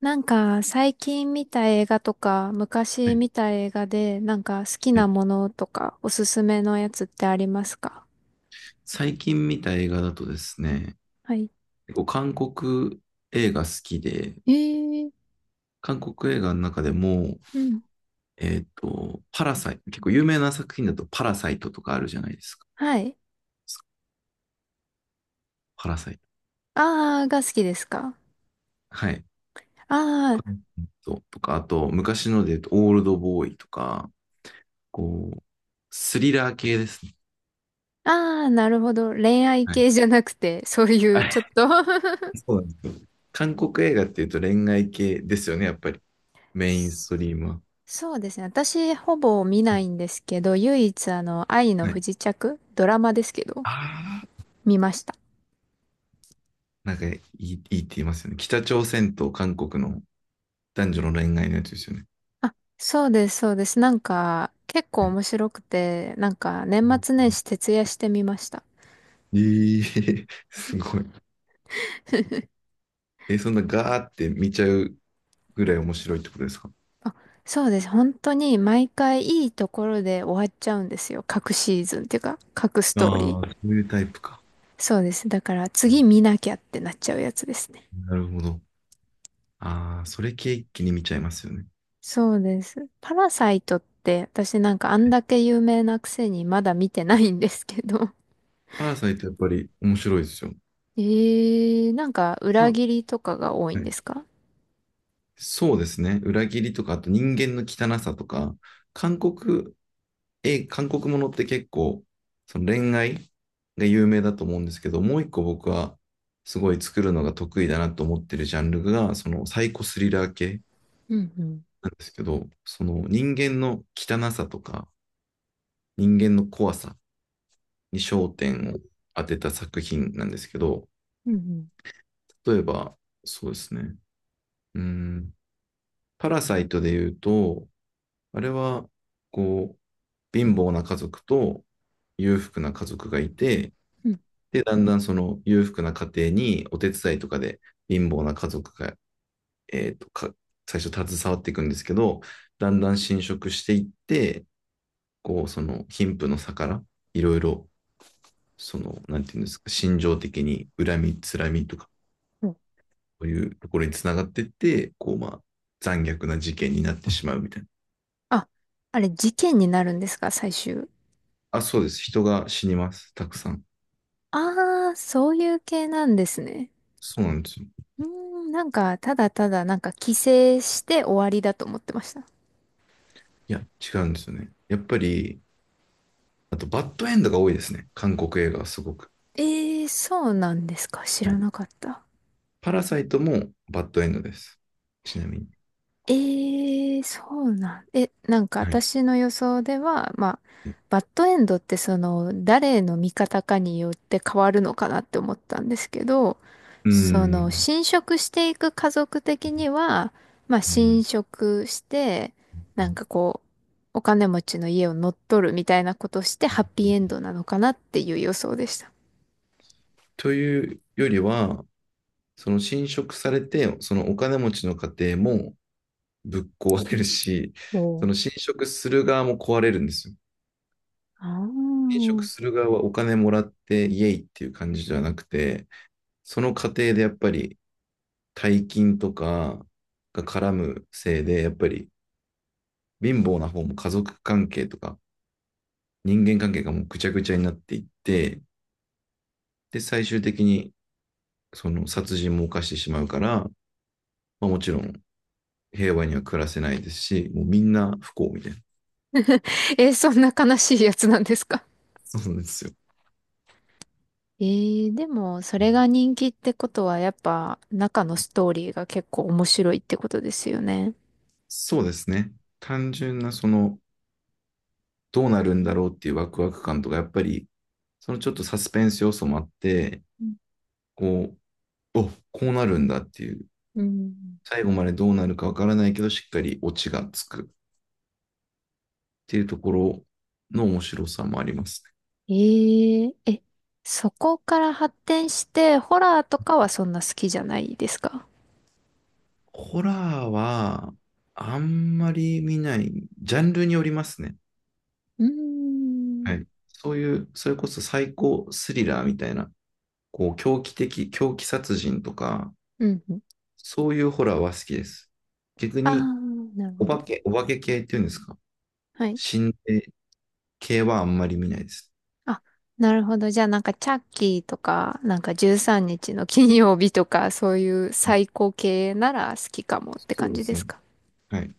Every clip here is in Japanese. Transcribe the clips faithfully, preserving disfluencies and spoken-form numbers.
なんか最近見た映画とかは昔い、見た映画でなんか好きはない。ものとかおすすめのやつってありますか？最近見た映画だとですね、はい。結構韓国映画好きで、えー、韓国映画の中でも、うん。えっと、パラサイト、結構有名な作品だとパラサイトとかあるじゃないですか。はい。パラサイト。あー、が好きですか？はい。あパー、ラサイトとか、あと、昔ので言うと、オールドボーイとか、こう、スリラー系ですね。あー、なるほど。恋愛はい。系じゃなくて、そういあうれちょっと そうなんですよ。韓国映画っていうと恋愛系ですよね、やっぱり。メインストリームは。そうですね。私ほぼ見ないんですけど、唯一あの愛のは不い。時着、ドラマですけど、あ見ました。なんかいい、いいって言いますよね。北朝鮮と韓国の男女の恋愛のやつですよね。あ、そうです、そうです。なんか、結構面白くて、なんか、年末年始徹夜してみました。えー、すごい。え、そんなガーって見ちゃうぐらい面白いってことですか？あ、そうです。本当に、毎回いいところで終わっちゃうんですよ。各シーズンっていうか、各ストーリああー、ー。そういうタイプか。そうです。だから、次見なきゃってなっちゃうやつですね。なるほど。ああ、それ系一気に見ちゃいますよね。そうです。パラサイトって、私なんか、あんだけ有名なくせに、まだ見てないんですけど。パラサイトやっぱり面白いですよ。えー、なんか、あ裏は切りとかが多いんでい、すか？そうですね。裏切りとか、あと人間の汚さとか、韓国え、韓国ものって結構、その恋愛が有名だと思うんですけど、もう一個僕はすごい作るのが得意だなと思ってるジャンルが、そのサイコスリラー系うんうん。なんですけど、その人間の汚さとか、人間の怖さに焦点を当てた作品なんですけど、うんうん。例えば、そうですね、うーん、パラサイトで言うと、あれは、こう、貧乏な家族と裕福な家族がいて、うん。で、だんだんその裕福な家庭にお手伝いとかで貧乏な家族が、えーと、か最初携わっていくんですけど、だんだん侵食していって、こう、その貧富の差から、いろいろ、その、なんていうんですか、心情的に恨み、つらみとか、そういうところにつながっていって、こう、まあ、残虐な事件になってしまうみたいな。あ、あれ、事件になるんですか、最終。あ、そうです。人が死にます。たくさん。ああ、そういう系なんですね。そうなんですよ。うーん、なんか、ただただ、なんか、帰省して終わりだと思ってました。いや、違うんですよね。やっぱり、あと、バッドエンドが多いですね。韓国映画はすごく。ええー、そうなんですか。知はらい。なかった。パラサイトもバッドエンドです。ちなみに。ええ、そうなん。え、なんかはい。私の予想では、まあ、バッドエンドってその、誰の味方かによって変わるのかなって思ったんですけど、うその、ん。侵食していく家族的には、まあ、う侵ん、食して、なんかこう、お金持ちの家を乗っ取るみたいなことして、ハッピーエンドなのかなっていう予想でした。というよりは、その侵食されて、そのお金持ちの家庭もぶっ壊れるし、その侵食する側も壊れるんですよ。侵食する側はお金もらってイエイっていう感じじゃなくて、その過程でやっぱり大金とかが絡むせいで、やっぱり貧乏な方も家族関係とか人間関係がもうぐちゃぐちゃになっていって、で、最終的にその殺人も犯してしまうから、まあ、もちろん平和には暮らせないですし、もうみんな不幸みたいな。えー、そんな悲しいやつなんですか？そうなんですよ。えー、でも、それが人気ってことは、やっぱ、中のストーリーが結構面白いってことですよね。そうですね。単純なその、どうなるんだろうっていうワクワク感とか、やっぱり、そのちょっとサスペンス要素もあって、うん。こう、お、こうなるんだっていう、最後までどうなるかわからないけど、しっかりオチがつくっていうところの面白さもありますね。えー、え、そこから発展して、ホラーとかはそんな好きじゃないですか？ホラーは、あんまり見ない、ジャンルによりますね。うーはん。い。そういう、それこそ最高スリラーみたいな、こう、狂気的、狂気殺人とか、うんうん。そういうホラーは好きです。逆ああ、に、なるおほ化ど。け、お化け系っていうんですか？はい。心霊系はあんまり見ないです。あ、なるほど。じゃあなんかチャッキーとか、なんかじゅうさんにちの金曜日とか、そういう最高系なら好きかもってそう感でじですすね。か？はい。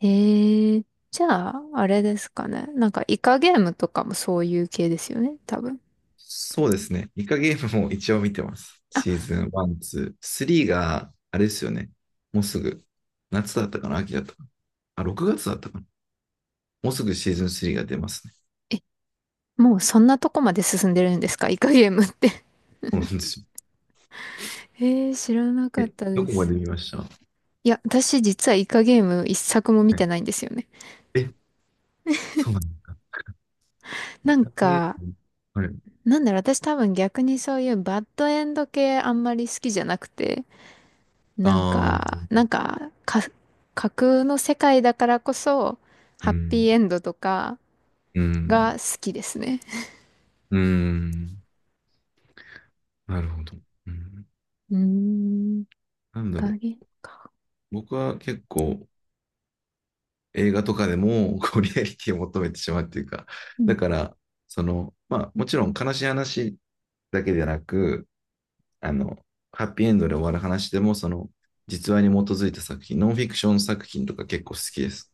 ええ。じゃあ、あれですかね。なんか、イカゲームとかもそういう系ですよね、多分。そうですね。イカゲームも一応見てます。シあ、ーズンワン、ツー、スリーが、あれですよね。もうすぐ、夏だったかな、秋だったかなあ、ろくがつだったかな、もうすぐシーズンスリーが出ますね。え、もうそんなとこまで進んでるんですか、イカゲームって。そうなんですよ。ええ、知らなかっえ、たどでこます。で見ましたは？いや、私実はイカゲーム一作も見いてないんですよね。え、そうなんだ。なんで、か、はい。なんだろう、私多分逆にそういうバッドエンド系あんまり好きじゃなくて、あなんか、なあ、んか、か、架空の世界だからこそ、うハッピーん、エンドとかうがん、好きですね。うん。なるほど。うん、うーん。なんだろう。影か。僕は結構映画とかでも こうリアリティを求めてしまうっていうか、うだん。から、その、まあもちろん悲しい話だけでなく、あの、ハッピーエンドで終わる話でも、その、実話に基づいた作品、ノンフィクション作品とか結構好きです。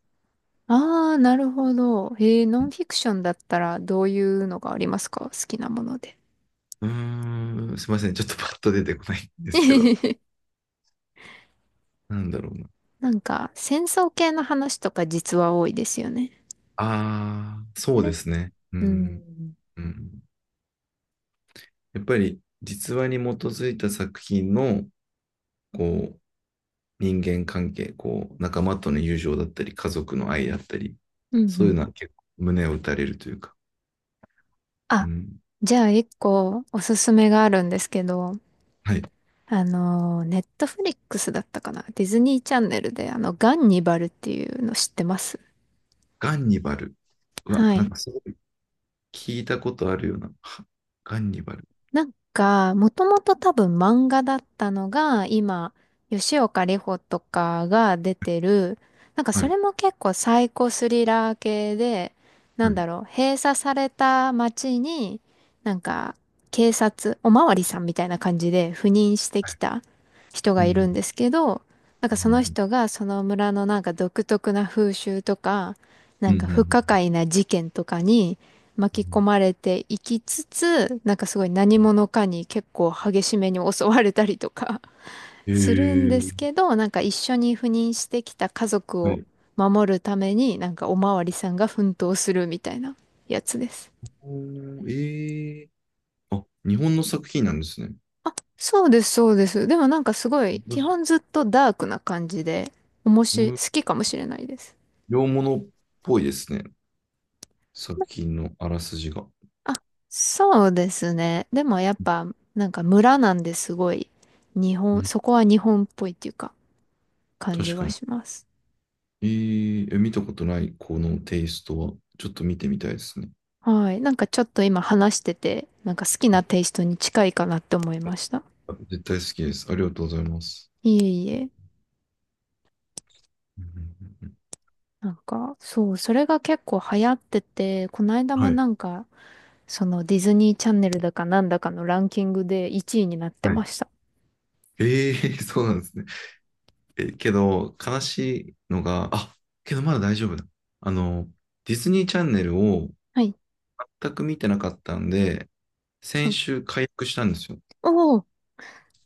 ああ、なるほど。えー、ノンフィクションだったらどういうのがありますか、好きなもので。うん、うーんすいません。ちょっとパッと出てこないんですけど、なんだろうな。なんか、戦争系の話とか実は多いですよね。ああ、そあうれ、ですね。ううん、ん。うん。やっぱり実話に基づいた作品の、こう、人間関係、こう、仲間との友情だったり、家族の愛だったり、うんそうういうん。のは結構胸を打たれるというか。うあ、ん。じゃあ一個おすすめがあるんですけど、はい。あの、ネットフリックスだったかなディズニーチャンネルで、あの、ガンニバルっていうの知ってます？ガンニバル。うわ、はなんい。かすごい聞いたことあるような。はガンニバル。なんか、もともと多分漫画だったのが、今、吉岡里帆とかが出てる、なんかはそい。れも結構サイコスリラー系で、なはんだい。ろう、閉鎖された街に、なんか、警察、おまわりさんみたいな感じで赴任してはきい。た人うがいるんん。ですけど、なんうかそのん。人がその村のなんか独特な風習とか、なうん。んうか不可ん。解な事件とかに、う巻き込ん。まれていきつつ、なんかすごい何者かに結構激しめに襲われたりとか えするんでー、すけど、なんか一緒に赴任してきた家族はをい。守るために、なんかおまわりさんが奮闘するみたいなやつです。おー。えー、あ、日本の作品なんですね。そうです、そうです。でもなんかすごい、基本ずっとダークな感じで、おもうし、ん、好きかもしれないです。洋物っぽいですね。作品のあらすじが。そうですね。でもやっぱ、なんか村なんですごい、日う本、ん、そこは日本っぽいっていうか、感じ確かはに。します。えー、え、見たことないこのテイストは、ちょっと見てみたいですね。はい。なんかちょっと今話してて、なんか好きあ、なテイストに近いかなって思いました。絶対好きです。ありがとうございます。いえいえ。うん。うん。うん。うん。なんか、そう、それが結構流行ってて、この間もはい。なんか、そのディズニーチャンネルだかなんだかのランキングでいちいになってはまい。した。えー、そうなんですね。え、けど、悲しいのが、あ、けどまだ大丈夫だ。あの、ディズニーチャンネルをはい。全く見てなかったんで、は先い。週解約したんですよ。おお。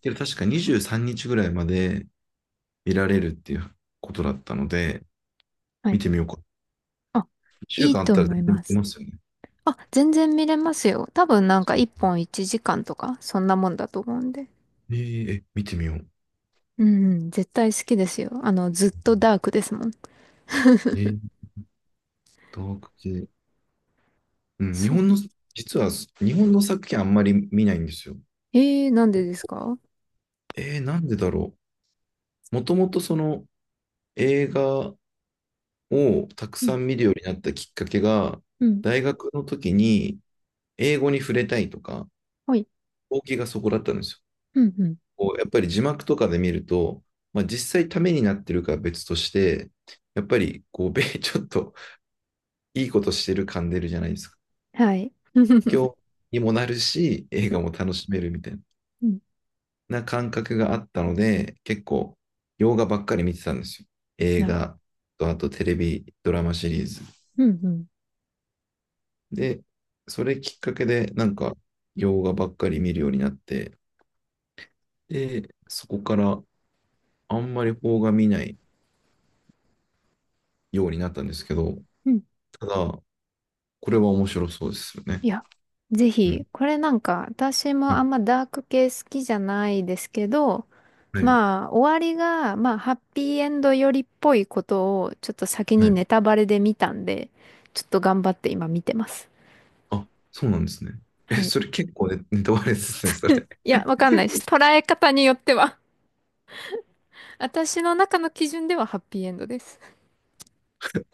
けど確かにじゅうさんにちぐらいまで見られるっていうことだったので、は見い。てみようか。あ、一週いい間あっとたら思全い然見まてす。ますよね。あ、全然見れますよ。多分なんかいっぽんいちじかんとか、そんなもんだと思うんで。えーえ、見てみよう。うんうん、絶対好きですよ。あの、ずっとダークですもん。えー、ダーク系。うん、日そ本の、う。実は日本の作品あんまり見ないんですよ。えー、なんでですか？えー、なんでだろう。もともとその映画をたくさん見るようになったきっかけが、うん。大学の時に英語に触れたいとか、はい。動機がそこだったんですよ。うん、うん。こうやっぱり字幕とかで見ると、まあ、実際ためになってるかは別として、やっぱりこう、米 ちょっといいことしてる感出るじゃないですか。はい。今う日にもなるし、映ん。画も楽しめるみたいうん。な感覚があったので、結構、洋画ばっかり見てたんですよ。映なる。画と、あとテレビ、ドラマシリーズ。うん、うん。で、それきっかけで、なんか、洋画ばっかり見るようになって、で、そこからあんまり邦画見ないようになったんですけど、うん。ただ、これは面白そうですよいね。や、ぜうひ、ん。これなんか、私もあんまはダーク系好きじゃないですけど、い。まあ、終わりが、まあ、ハッピーエンドよりっぽいことを、ちょっと先はにネい。タバレで見たんで、ちょっと頑張って今見てます。あ、そうなんですね。え、はい。それ結構ね、ネタバレですね、それ。いや、わかんないです。捉え方によっては。私の中の基準ではハッピーエンドです。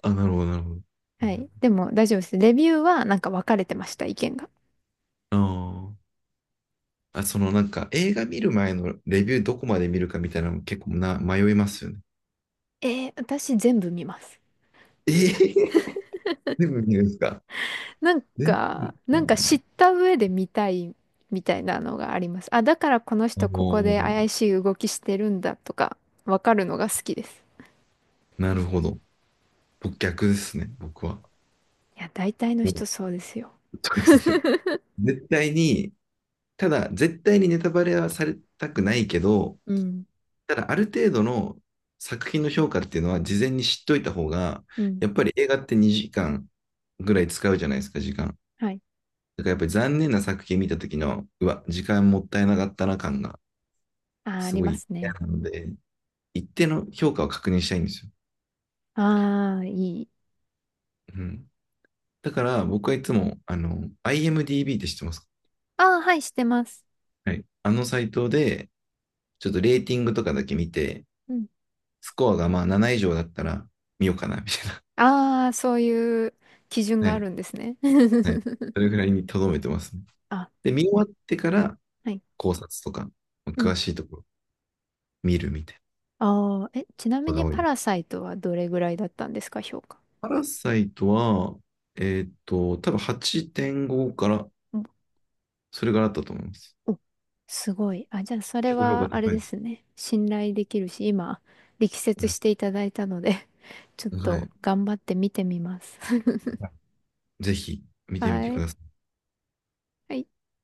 あ、なるほど、なるほど。うはい。ん。でも大丈夫です。レビューはなんか分かれてました、意見が。あーあ、そのなんか映画見る前のレビューどこまで見るかみたいなの結構な迷いますよね。えー、私全部見ます。えー、全部見るんですか？なん全か、部、あ、なんか知った上で見たいみたいなのがあります。あ、だからこのあ人ここでの、怪しい動きしてるんだとか、わかるのが好きです。なるほど。僕逆ですね、僕は。いや、大体のも人う、そうですよ。そうですね。絶対に、ただ絶対にネタバレはされたくないけど、うん。ただ、ある程度の作品の評価っていうのは事前に知っといた方が、うん。やっぱり映画ってにじかんぐらい使うじゃないですか、時間。はい。だからやっぱり残念な作品見た時の、うわ、時間もったいなかったな感があー、あすりごまいす嫌ね。なので、一定の評価を確認したいんですよ。ああ、いい。うん。だから僕はいつも、あの、アイエムディービー って知ってますか？ああ、はい、してます。はい。あのサイトで、ちょっとレーティングとかだけ見て、うん。スコアがまあなな以上だったら見ようかな、みたいな。ああ、そういう基準はがあい。るんですね。はい。それ ぐらいに留めてますね。あ、で、見終わってからはい。考察とか、うん。詳しいところ見るみたいなああ、え、ちなみことがに多いパでラす。サイトはどれぐらいだったんですか、評価。パラサイトは、えーっと、多分はちてんごから、それからあったと思います。お、すごい。あ、じゃあ、それ結構評価は、あれ高いでですすね。信頼できるし、今、力説よ。していただいたので ちょっうん。はとい。頑張って見てみます。ぜひ見てみてはくい。ださい。はい